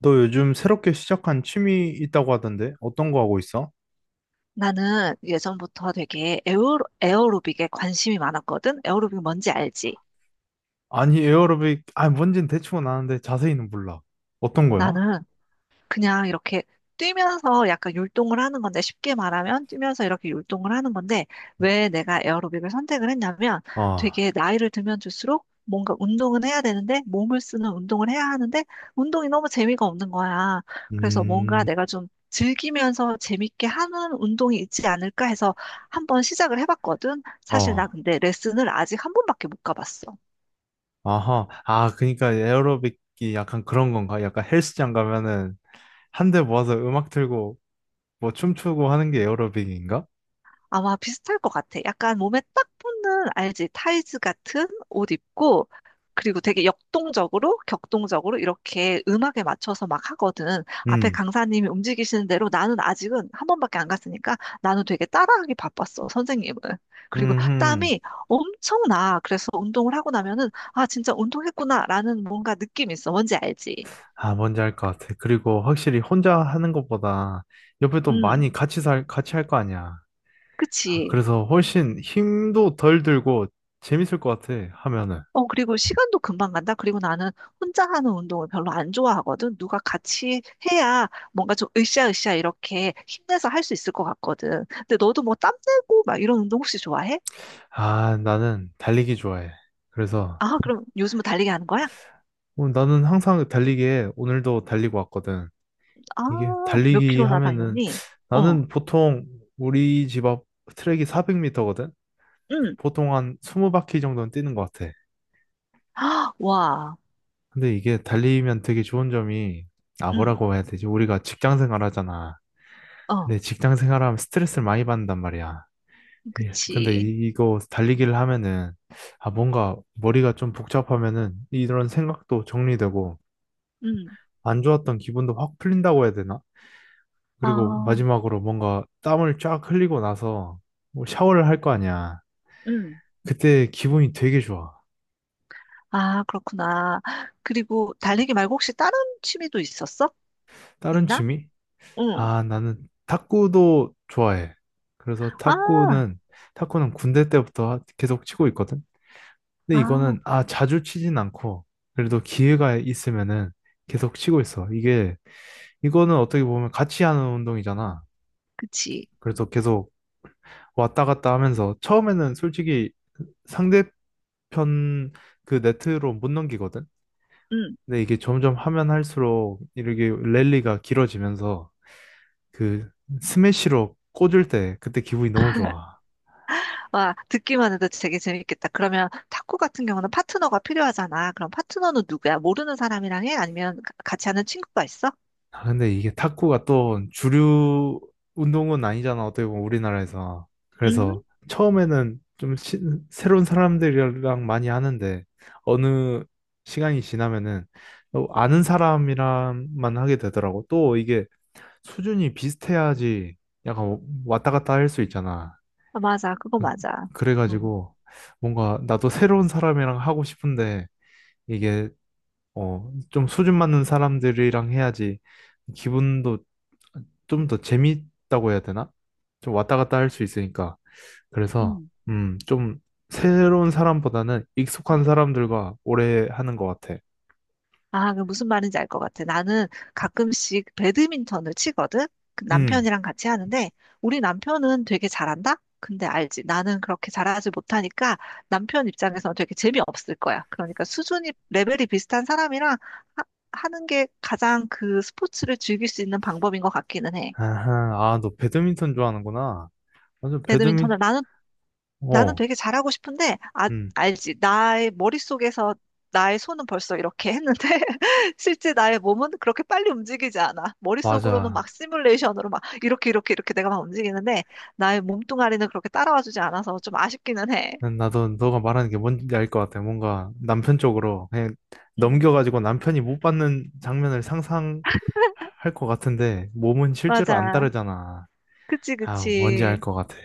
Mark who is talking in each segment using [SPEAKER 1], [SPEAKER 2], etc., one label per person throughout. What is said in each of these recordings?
[SPEAKER 1] 너 요즘 새롭게 시작한 취미 있다고 하던데 어떤 거 하고 있어?
[SPEAKER 2] 나는 예전부터 되게 에어로빅에 관심이 많았거든? 에어로빅 뭔지 알지?
[SPEAKER 1] 아니 에어로빅 뭔진 대충은 아는데 자세히는 몰라. 어떤 거야?
[SPEAKER 2] 나는 그냥 이렇게 뛰면서 약간 율동을 하는 건데, 쉽게 말하면 뛰면서 이렇게 율동을 하는 건데, 왜 내가 에어로빅을 선택을 했냐면,
[SPEAKER 1] 아,
[SPEAKER 2] 되게 나이를 들면 들수록 뭔가 운동은 해야 되는데, 몸을 쓰는 운동을 해야 하는데, 운동이 너무 재미가 없는 거야. 그래서 뭔가
[SPEAKER 1] 음,
[SPEAKER 2] 내가 좀 즐기면서 재밌게 하는 운동이 있지 않을까 해서 한번 시작을 해봤거든. 사실 나
[SPEAKER 1] 어,
[SPEAKER 2] 근데 레슨을 아직 한 번밖에 못 가봤어.
[SPEAKER 1] 아하, 그러니까 에어로빅이 약간 그런 건가? 약간 헬스장 가면은 한 대 모아서 음악 틀고 뭐 춤추고 하는 게 에어로빅인가?
[SPEAKER 2] 아마 비슷할 것 같아. 약간 몸에 딱 붙는, 알지? 타이즈 같은 옷 입고, 그리고 되게 격동적으로 이렇게 음악에 맞춰서 막 하거든. 앞에
[SPEAKER 1] 음,
[SPEAKER 2] 강사님이 움직이시는 대로 나는 아직은 한 번밖에 안 갔으니까 나는 되게 따라하기 바빴어, 선생님은. 그리고
[SPEAKER 1] 음,
[SPEAKER 2] 땀이 엄청 나. 그래서 운동을 하고 나면은, 아, 진짜 운동했구나라는 뭔가 느낌이 있어. 뭔지 알지?
[SPEAKER 1] 아 뭔지 알 것 같아. 그리고 확실히 혼자 하는 것보다 옆에 또
[SPEAKER 2] 음,
[SPEAKER 1] 많이 같이 할 거 아니야. 아,
[SPEAKER 2] 그치.
[SPEAKER 1] 그래서 훨씬 힘도 덜 들고 재밌을 것 같아, 하면은.
[SPEAKER 2] 어, 그리고 시간도 금방 간다. 그리고 나는 혼자 하는 운동을 별로 안 좋아하거든. 누가 같이 해야 뭔가 좀 으쌰으쌰 이렇게 힘내서 할 수 있을 것 같거든. 근데 너도 뭐 땀내고 막 이런 운동 혹시 좋아해?
[SPEAKER 1] 아, 나는 달리기 좋아해. 그래서
[SPEAKER 2] 아, 그럼 요즘은 달리기 하는 거야?
[SPEAKER 1] 어, 나는 항상 달리기에 오늘도 달리고 왔거든.
[SPEAKER 2] 아,
[SPEAKER 1] 이게
[SPEAKER 2] 몇
[SPEAKER 1] 달리기
[SPEAKER 2] 킬로나
[SPEAKER 1] 하면은
[SPEAKER 2] 달렸니? 어,
[SPEAKER 1] 나는 보통 우리 집 앞 트랙이 400m거든?
[SPEAKER 2] 응.
[SPEAKER 1] 보통 한 20바퀴 정도는 뛰는 것 같아.
[SPEAKER 2] 아, 와,
[SPEAKER 1] 근데 이게 달리면 되게 좋은 점이 아,
[SPEAKER 2] 응,
[SPEAKER 1] 뭐라고 해야 되지? 우리가 직장 생활 하잖아.
[SPEAKER 2] 어,
[SPEAKER 1] 근데 직장 생활하면 스트레스를 많이 받는단 말이야. 예. 근데
[SPEAKER 2] 그치.
[SPEAKER 1] 이거 달리기를 하면은, 아, 뭔가 머리가 좀 복잡하면은 이런 생각도 정리되고,
[SPEAKER 2] 응,
[SPEAKER 1] 안 좋았던 기분도 확 풀린다고 해야 되나? 그리고
[SPEAKER 2] 아,
[SPEAKER 1] 마지막으로 뭔가 땀을 쫙 흘리고 나서 뭐 샤워를 할 거 아니야.
[SPEAKER 2] 응.
[SPEAKER 1] 그때 기분이 되게 좋아.
[SPEAKER 2] 아, 그렇구나. 그리고 달리기 말고 혹시 다른 취미도 있었어?
[SPEAKER 1] 다른
[SPEAKER 2] 있나?
[SPEAKER 1] 취미?
[SPEAKER 2] 응.
[SPEAKER 1] 아, 나는 탁구도 좋아해. 그래서
[SPEAKER 2] 아,
[SPEAKER 1] 탁구는, 탁구는 군대 때부터 계속 치고 있거든. 근데
[SPEAKER 2] 아.
[SPEAKER 1] 이거는 아 자주 치진 않고 그래도 기회가 있으면은 계속 치고 있어. 이게 이거는 어떻게 보면 같이 하는 운동이잖아.
[SPEAKER 2] 그치.
[SPEAKER 1] 그래서 계속 왔다 갔다 하면서 처음에는 솔직히 상대편 그 네트로 못 넘기거든.
[SPEAKER 2] 응.
[SPEAKER 1] 근데 이게 점점 하면 할수록 이렇게 랠리가 길어지면서 그 스매시로 꽂을 때 그때 기분이 너무 좋아.
[SPEAKER 2] 와, 듣기만 해도 되게 재밌겠다. 그러면 탁구 같은 경우는 파트너가 필요하잖아. 그럼 파트너는 누구야? 모르는 사람이랑 해? 아니면 같이 하는 친구가 있어?
[SPEAKER 1] 아, 근데 이게 탁구가 또 주류 운동은 아니잖아, 어떻게 보면 우리나라에서.
[SPEAKER 2] 음,
[SPEAKER 1] 그래서 처음에는 좀 새로운 사람들이랑 많이 하는데, 어느 시간이 지나면은 또 아는 사람이랑만 하게 되더라고. 또 이게 수준이 비슷해야지 약간 왔다 갔다 할 수 있잖아.
[SPEAKER 2] 맞아. 그거
[SPEAKER 1] 음,
[SPEAKER 2] 맞아. 응.
[SPEAKER 1] 그래가지고 뭔가 나도 새로운 사람이랑 하고 싶은데, 이게 좀 수준 맞는 사람들이랑 해야지 기분도 좀 더 재밌다고 해야 되나? 좀 왔다 갔다 할 수 있으니까. 그래서,
[SPEAKER 2] 응.
[SPEAKER 1] 좀 새로운 사람보다는 익숙한 사람들과 오래 하는 것 같아.
[SPEAKER 2] 아, 그 무슨 말인지 알 것 같아. 나는 가끔씩 배드민턴을 치거든? 그
[SPEAKER 1] 음,
[SPEAKER 2] 남편이랑 같이 하는데, 우리 남편은 되게 잘한다? 근데 알지. 나는 그렇게 잘하지 못하니까 남편 입장에서는 되게 재미없을 거야. 그러니까 레벨이 비슷한 사람이랑 하, 하는 게 가장 그 스포츠를 즐길 수 있는 방법인 것 같기는 해.
[SPEAKER 1] 아하, 아, 너 배드민턴 좋아하는구나. 맞아,
[SPEAKER 2] 배드민턴을 나는 나는
[SPEAKER 1] 어,
[SPEAKER 2] 되게 잘하고 싶은데, 아,
[SPEAKER 1] 음,
[SPEAKER 2] 알지. 나의 머릿속에서 나의 손은 벌써 이렇게 했는데, 실제 나의 몸은 그렇게 빨리 움직이지 않아. 머릿속으로는 막
[SPEAKER 1] 맞아.
[SPEAKER 2] 시뮬레이션으로 막 이렇게 내가 막 움직이는데, 나의 몸뚱아리는 그렇게 따라와 주지 않아서 좀 아쉽기는 해.
[SPEAKER 1] 나도 너가 말하는 게 뭔지 알 것 같아. 뭔가 남편 쪽으로 그냥
[SPEAKER 2] 음.
[SPEAKER 1] 넘겨가지고 남편이 못 받는 장면을 상상할 것 같은데 몸은 실제로 안
[SPEAKER 2] 맞아.
[SPEAKER 1] 따르잖아. 아, 뭔지 알
[SPEAKER 2] 그치.
[SPEAKER 1] 것 같아.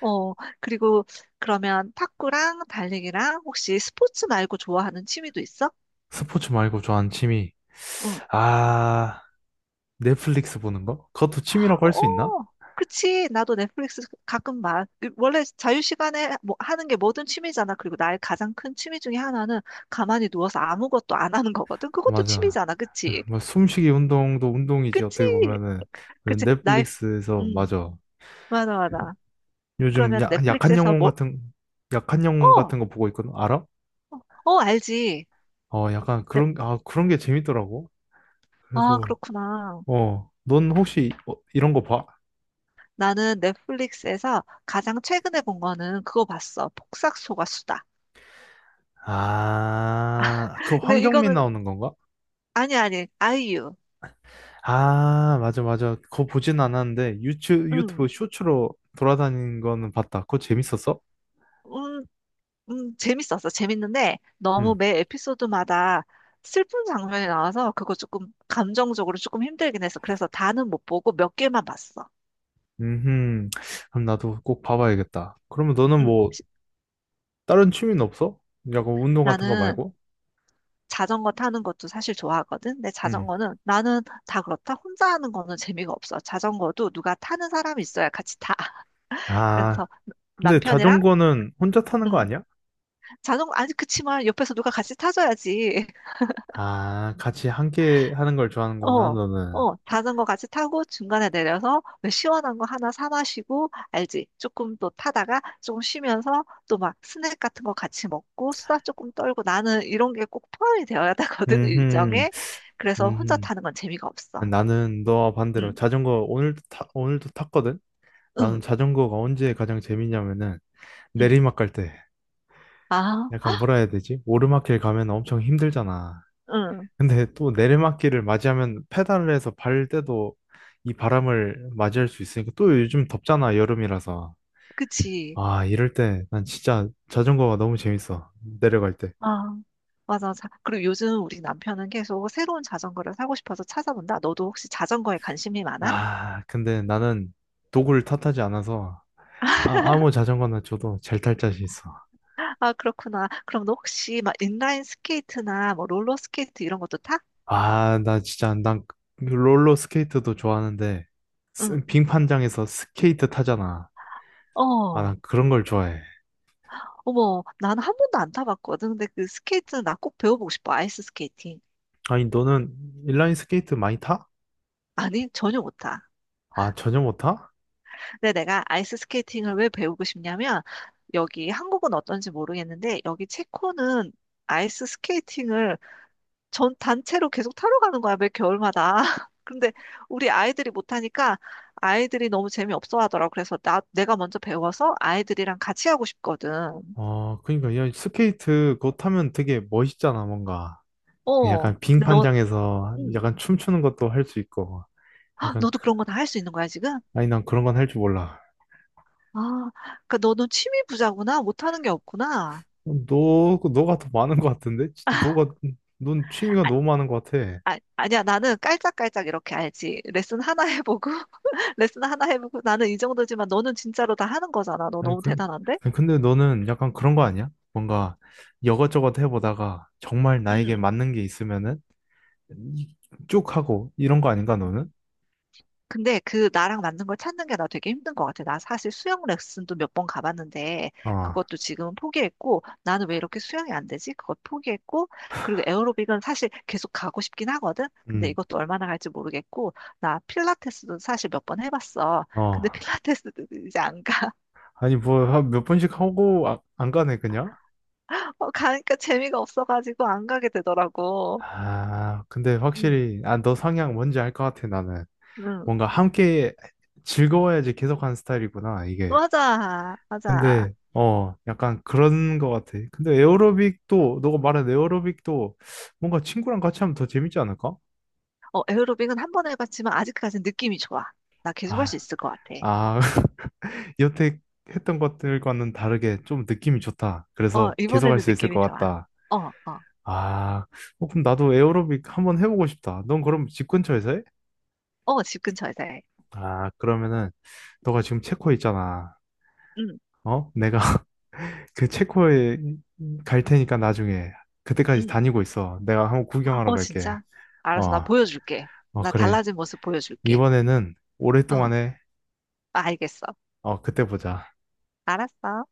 [SPEAKER 2] 어, 그리고 그러면 탁구랑 달리기랑 혹시 스포츠 말고 좋아하는 취미도 있어?
[SPEAKER 1] 스포츠 말고 좋아하는 취미.
[SPEAKER 2] 응.
[SPEAKER 1] 아, 넷플릭스 보는 거? 그것도 취미라고 할
[SPEAKER 2] 어,
[SPEAKER 1] 수 있나?
[SPEAKER 2] 그치. 나도 넷플릭스 가끔 봐. 그 원래 자유시간에 뭐 하는 게 뭐든 취미잖아. 그리고 나의 가장 큰 취미 중에 하나는 가만히 누워서 아무것도 안 하는 거거든. 그것도
[SPEAKER 1] 맞아.
[SPEAKER 2] 취미잖아. 그치?
[SPEAKER 1] 뭐 숨쉬기 운동도 운동이지 어떻게
[SPEAKER 2] 그치?
[SPEAKER 1] 보면은
[SPEAKER 2] 그치? 나의,
[SPEAKER 1] 넷플릭스에서
[SPEAKER 2] 음,
[SPEAKER 1] 맞아.
[SPEAKER 2] 맞아.
[SPEAKER 1] 요즘
[SPEAKER 2] 그러면
[SPEAKER 1] 야, 약한
[SPEAKER 2] 넷플릭스에서
[SPEAKER 1] 영혼
[SPEAKER 2] 뭐,
[SPEAKER 1] 같은 약한 영혼
[SPEAKER 2] 어,
[SPEAKER 1] 같은 거 보고 있거든. 알아?
[SPEAKER 2] 어, 알지.
[SPEAKER 1] 어, 약간
[SPEAKER 2] 넷-
[SPEAKER 1] 그런, 아, 그런 게 재밌더라고.
[SPEAKER 2] 아,
[SPEAKER 1] 그래서,
[SPEAKER 2] 그렇구나.
[SPEAKER 1] 어, 넌 혹시 어, 이런 거 봐?
[SPEAKER 2] 나는 넷플릭스에서 가장 최근에 본 거는 그거 봤어. 폭삭 속았수다.
[SPEAKER 1] 아, 그
[SPEAKER 2] 근데
[SPEAKER 1] 황정민
[SPEAKER 2] 이거는,
[SPEAKER 1] 나오는 건가?
[SPEAKER 2] 아니, 아이유.
[SPEAKER 1] 아, 맞아, 맞아. 그거 보진 않았는데,
[SPEAKER 2] 응.
[SPEAKER 1] 유튜브 쇼츠로 돌아다니는 거는 봤다. 그거 재밌었어?
[SPEAKER 2] 음, 재밌었어. 재밌는데 너무
[SPEAKER 1] 응.
[SPEAKER 2] 매 에피소드마다 슬픈 장면이 나와서 그거 조금 감정적으로 조금 힘들긴 했어. 그래서 다는 못 보고 몇 개만 봤어.
[SPEAKER 1] 음, 그럼 나도 꼭 봐봐야겠다. 그러면 너는
[SPEAKER 2] 음,
[SPEAKER 1] 뭐,
[SPEAKER 2] 시-
[SPEAKER 1] 다른 취미는 없어? 약간 운동 같은 거
[SPEAKER 2] 나는
[SPEAKER 1] 말고?
[SPEAKER 2] 자전거 타는 것도 사실 좋아하거든. 근데
[SPEAKER 1] 응.
[SPEAKER 2] 자전거는 나는 다 그렇다. 혼자 하는 거는 재미가 없어. 자전거도 누가 타는 사람이 있어야 같이 타.
[SPEAKER 1] 아,
[SPEAKER 2] 그래서
[SPEAKER 1] 근데
[SPEAKER 2] 남편이랑
[SPEAKER 1] 자전거는 혼자 타는 거
[SPEAKER 2] 음,
[SPEAKER 1] 아니야?
[SPEAKER 2] 자전거 아니 그치만 옆에서 누가 같이 타줘야지.
[SPEAKER 1] 아, 같이 함께 하는 걸 좋아하는구나,
[SPEAKER 2] 어,
[SPEAKER 1] 너는.
[SPEAKER 2] 어, 자전거 같이 타고 중간에 내려서 왜 시원한 거 하나 사 마시고, 알지? 조금 또 타다가 조금 쉬면서 또 막 스낵 같은 거 같이 먹고 수다 조금 떨고 나는 이런 게 꼭 포함이 되어야 되거든,
[SPEAKER 1] 음,
[SPEAKER 2] 일정에. 그래서 혼자
[SPEAKER 1] 음.
[SPEAKER 2] 타는 건 재미가 없어.
[SPEAKER 1] 나는 너와 반대로
[SPEAKER 2] 응,
[SPEAKER 1] 오늘도 탔거든. 나는
[SPEAKER 2] 응,
[SPEAKER 1] 자전거가 언제 가장 재밌냐면은
[SPEAKER 2] 응.
[SPEAKER 1] 내리막 갈 때.
[SPEAKER 2] 아,
[SPEAKER 1] 약간 뭐라 해야 되지? 오르막길 가면 엄청 힘들잖아.
[SPEAKER 2] 응,
[SPEAKER 1] 근데 또 내리막길을 맞이하면 페달을 해서 발 때도 이 바람을 맞이할 수 있으니까 또 요즘 덥잖아, 여름이라서.
[SPEAKER 2] 그치.
[SPEAKER 1] 아, 이럴 때 난 진짜 자전거가 너무 재밌어. 내려갈 때.
[SPEAKER 2] 아, 맞아. 자, 그리고 요즘 우리 남편은 계속 새로운 자전거를 사고 싶어서 찾아본다. 너도 혹시 자전거에 관심이 많아?
[SPEAKER 1] 아, 근데 나는 도구를 탓하지 않아서 아무 자전거나 줘도 잘 탈 자신 있어.
[SPEAKER 2] 아, 그렇구나. 그럼 너 혹시 막 인라인 스케이트나 뭐 롤러 스케이트 이런 것도 타?
[SPEAKER 1] 난 롤러 스케이트도 좋아하는데,
[SPEAKER 2] 응.
[SPEAKER 1] 빙판장에서 스케이트 타잖아. 아, 난
[SPEAKER 2] 어.
[SPEAKER 1] 그런 걸 좋아해.
[SPEAKER 2] 어머, 난 한 번도 안 타봤거든. 근데 그 스케이트는 나 꼭 배워보고 싶어. 아이스 스케이팅.
[SPEAKER 1] 아니, 너는 인라인 스케이트 많이 타?
[SPEAKER 2] 아니, 전혀 못 타.
[SPEAKER 1] 아, 전혀 못 타?
[SPEAKER 2] 근데 내가 아이스 스케이팅을 왜 배우고 싶냐면 여기 한국은 어떤지 모르겠는데 여기 체코는 아이스 스케이팅을 전 단체로 계속 타러 가는 거야, 매 겨울마다. 근데 우리 아이들이 못하니까 아이들이 너무 재미없어 하더라고. 그래서 내가 먼저 배워서 아이들이랑 같이 하고 싶거든.
[SPEAKER 1] 어, 그러니까, 야, 스케이트 그거 타면 되게 멋있잖아, 뭔가.
[SPEAKER 2] 어.
[SPEAKER 1] 약간
[SPEAKER 2] 근데 너,
[SPEAKER 1] 빙판장에서
[SPEAKER 2] 음.
[SPEAKER 1] 약간 춤추는 것도 할 수 있고.
[SPEAKER 2] 헉,
[SPEAKER 1] 약간,
[SPEAKER 2] 너도
[SPEAKER 1] 그-
[SPEAKER 2] 그런 거 다 할 수 있는 거야, 지금?
[SPEAKER 1] 아니, 난 그런 건 할 줄 몰라.
[SPEAKER 2] 아, 그니까 너는 취미 부자구나. 못하는 게 없구나.
[SPEAKER 1] 너가 더 많은 것 같은데?
[SPEAKER 2] 아,
[SPEAKER 1] 넌 취미가 너무 많은 것 같아.
[SPEAKER 2] 아니야, 나는 깔짝깔짝 이렇게 알지. 레슨 하나 해보고, 레슨 하나 해보고, 나는 이 정도지만 너는 진짜로 다 하는 거잖아. 너
[SPEAKER 1] 아니,
[SPEAKER 2] 너무
[SPEAKER 1] 근,
[SPEAKER 2] 대단한데?
[SPEAKER 1] 아니, 근데 너는 약간 그런 거 아니야? 뭔가 여것저것 해보다가 정말 나에게 맞는 게 있으면은 이- 쭉 하고 이런 거 아닌가, 너는?
[SPEAKER 2] 근데 그 나랑 맞는 걸 찾는 게 나 되게 힘든 것 같아. 나 사실 수영 레슨도 몇 번 가봤는데
[SPEAKER 1] 어,
[SPEAKER 2] 그것도 지금은 포기했고 나는 왜 이렇게 수영이 안 되지? 그것 포기했고 그리고 에어로빅은 사실 계속 가고 싶긴 하거든. 근데
[SPEAKER 1] 음,
[SPEAKER 2] 이것도 얼마나 갈지 모르겠고 나 필라테스도 사실 몇 번 해봤어.
[SPEAKER 1] 어.
[SPEAKER 2] 근데 필라테스도 이제 안 가.
[SPEAKER 1] 아니, 뭐, 한몇 번씩 하고 안 가네, 그냥?
[SPEAKER 2] 어, 가니까 재미가 없어가지고 안 가게 되더라고.
[SPEAKER 1] 아, 근데
[SPEAKER 2] 응,
[SPEAKER 1] 확실히, 아, 너 성향 뭔지 알 것 같아, 나는.
[SPEAKER 2] 응.
[SPEAKER 1] 뭔가 함께 즐거워야지 계속하는 스타일이구나, 이게.
[SPEAKER 2] 맞아, 맞아.
[SPEAKER 1] 근데, 어, 약간 그런 것 같아. 근데 에어로빅도, 너가 말한 에어로빅도 뭔가 친구랑 같이 하면 더 재밌지 않을까?
[SPEAKER 2] 어, 에어로빅은 한 번 해봤지만 아직까지는 느낌이 좋아. 나 계속 할 수
[SPEAKER 1] 아,
[SPEAKER 2] 있을 것 같아.
[SPEAKER 1] 아, 여태 했던 것들과는 다르게 좀 느낌이 좋다.
[SPEAKER 2] 어,
[SPEAKER 1] 그래서 계속 할
[SPEAKER 2] 이번에는
[SPEAKER 1] 수 있을
[SPEAKER 2] 느낌이
[SPEAKER 1] 것
[SPEAKER 2] 좋아.
[SPEAKER 1] 같다.
[SPEAKER 2] 어, 어,
[SPEAKER 1] 아, 어, 그럼 나도 에어로빅 한번 해보고 싶다. 넌 그럼 집 근처에서 해?
[SPEAKER 2] 어, 집 근처에서 해.
[SPEAKER 1] 아, 그러면은 너가 지금 체코에 있잖아.
[SPEAKER 2] 응,
[SPEAKER 1] 어? 내가 그 체코에 갈 테니까 나중에 그때까지
[SPEAKER 2] 응.
[SPEAKER 1] 다니고 있어. 내가 한번 구경하러
[SPEAKER 2] 어,
[SPEAKER 1] 갈게.
[SPEAKER 2] 진짜?
[SPEAKER 1] 어,
[SPEAKER 2] 알았어, 나 보여줄게.
[SPEAKER 1] 어,
[SPEAKER 2] 나
[SPEAKER 1] 그래.
[SPEAKER 2] 달라진 모습 보여줄게.
[SPEAKER 1] 이번에는
[SPEAKER 2] 어,
[SPEAKER 1] 오랫동안에
[SPEAKER 2] 알겠어.
[SPEAKER 1] 어, 그때 보자.
[SPEAKER 2] 알았어.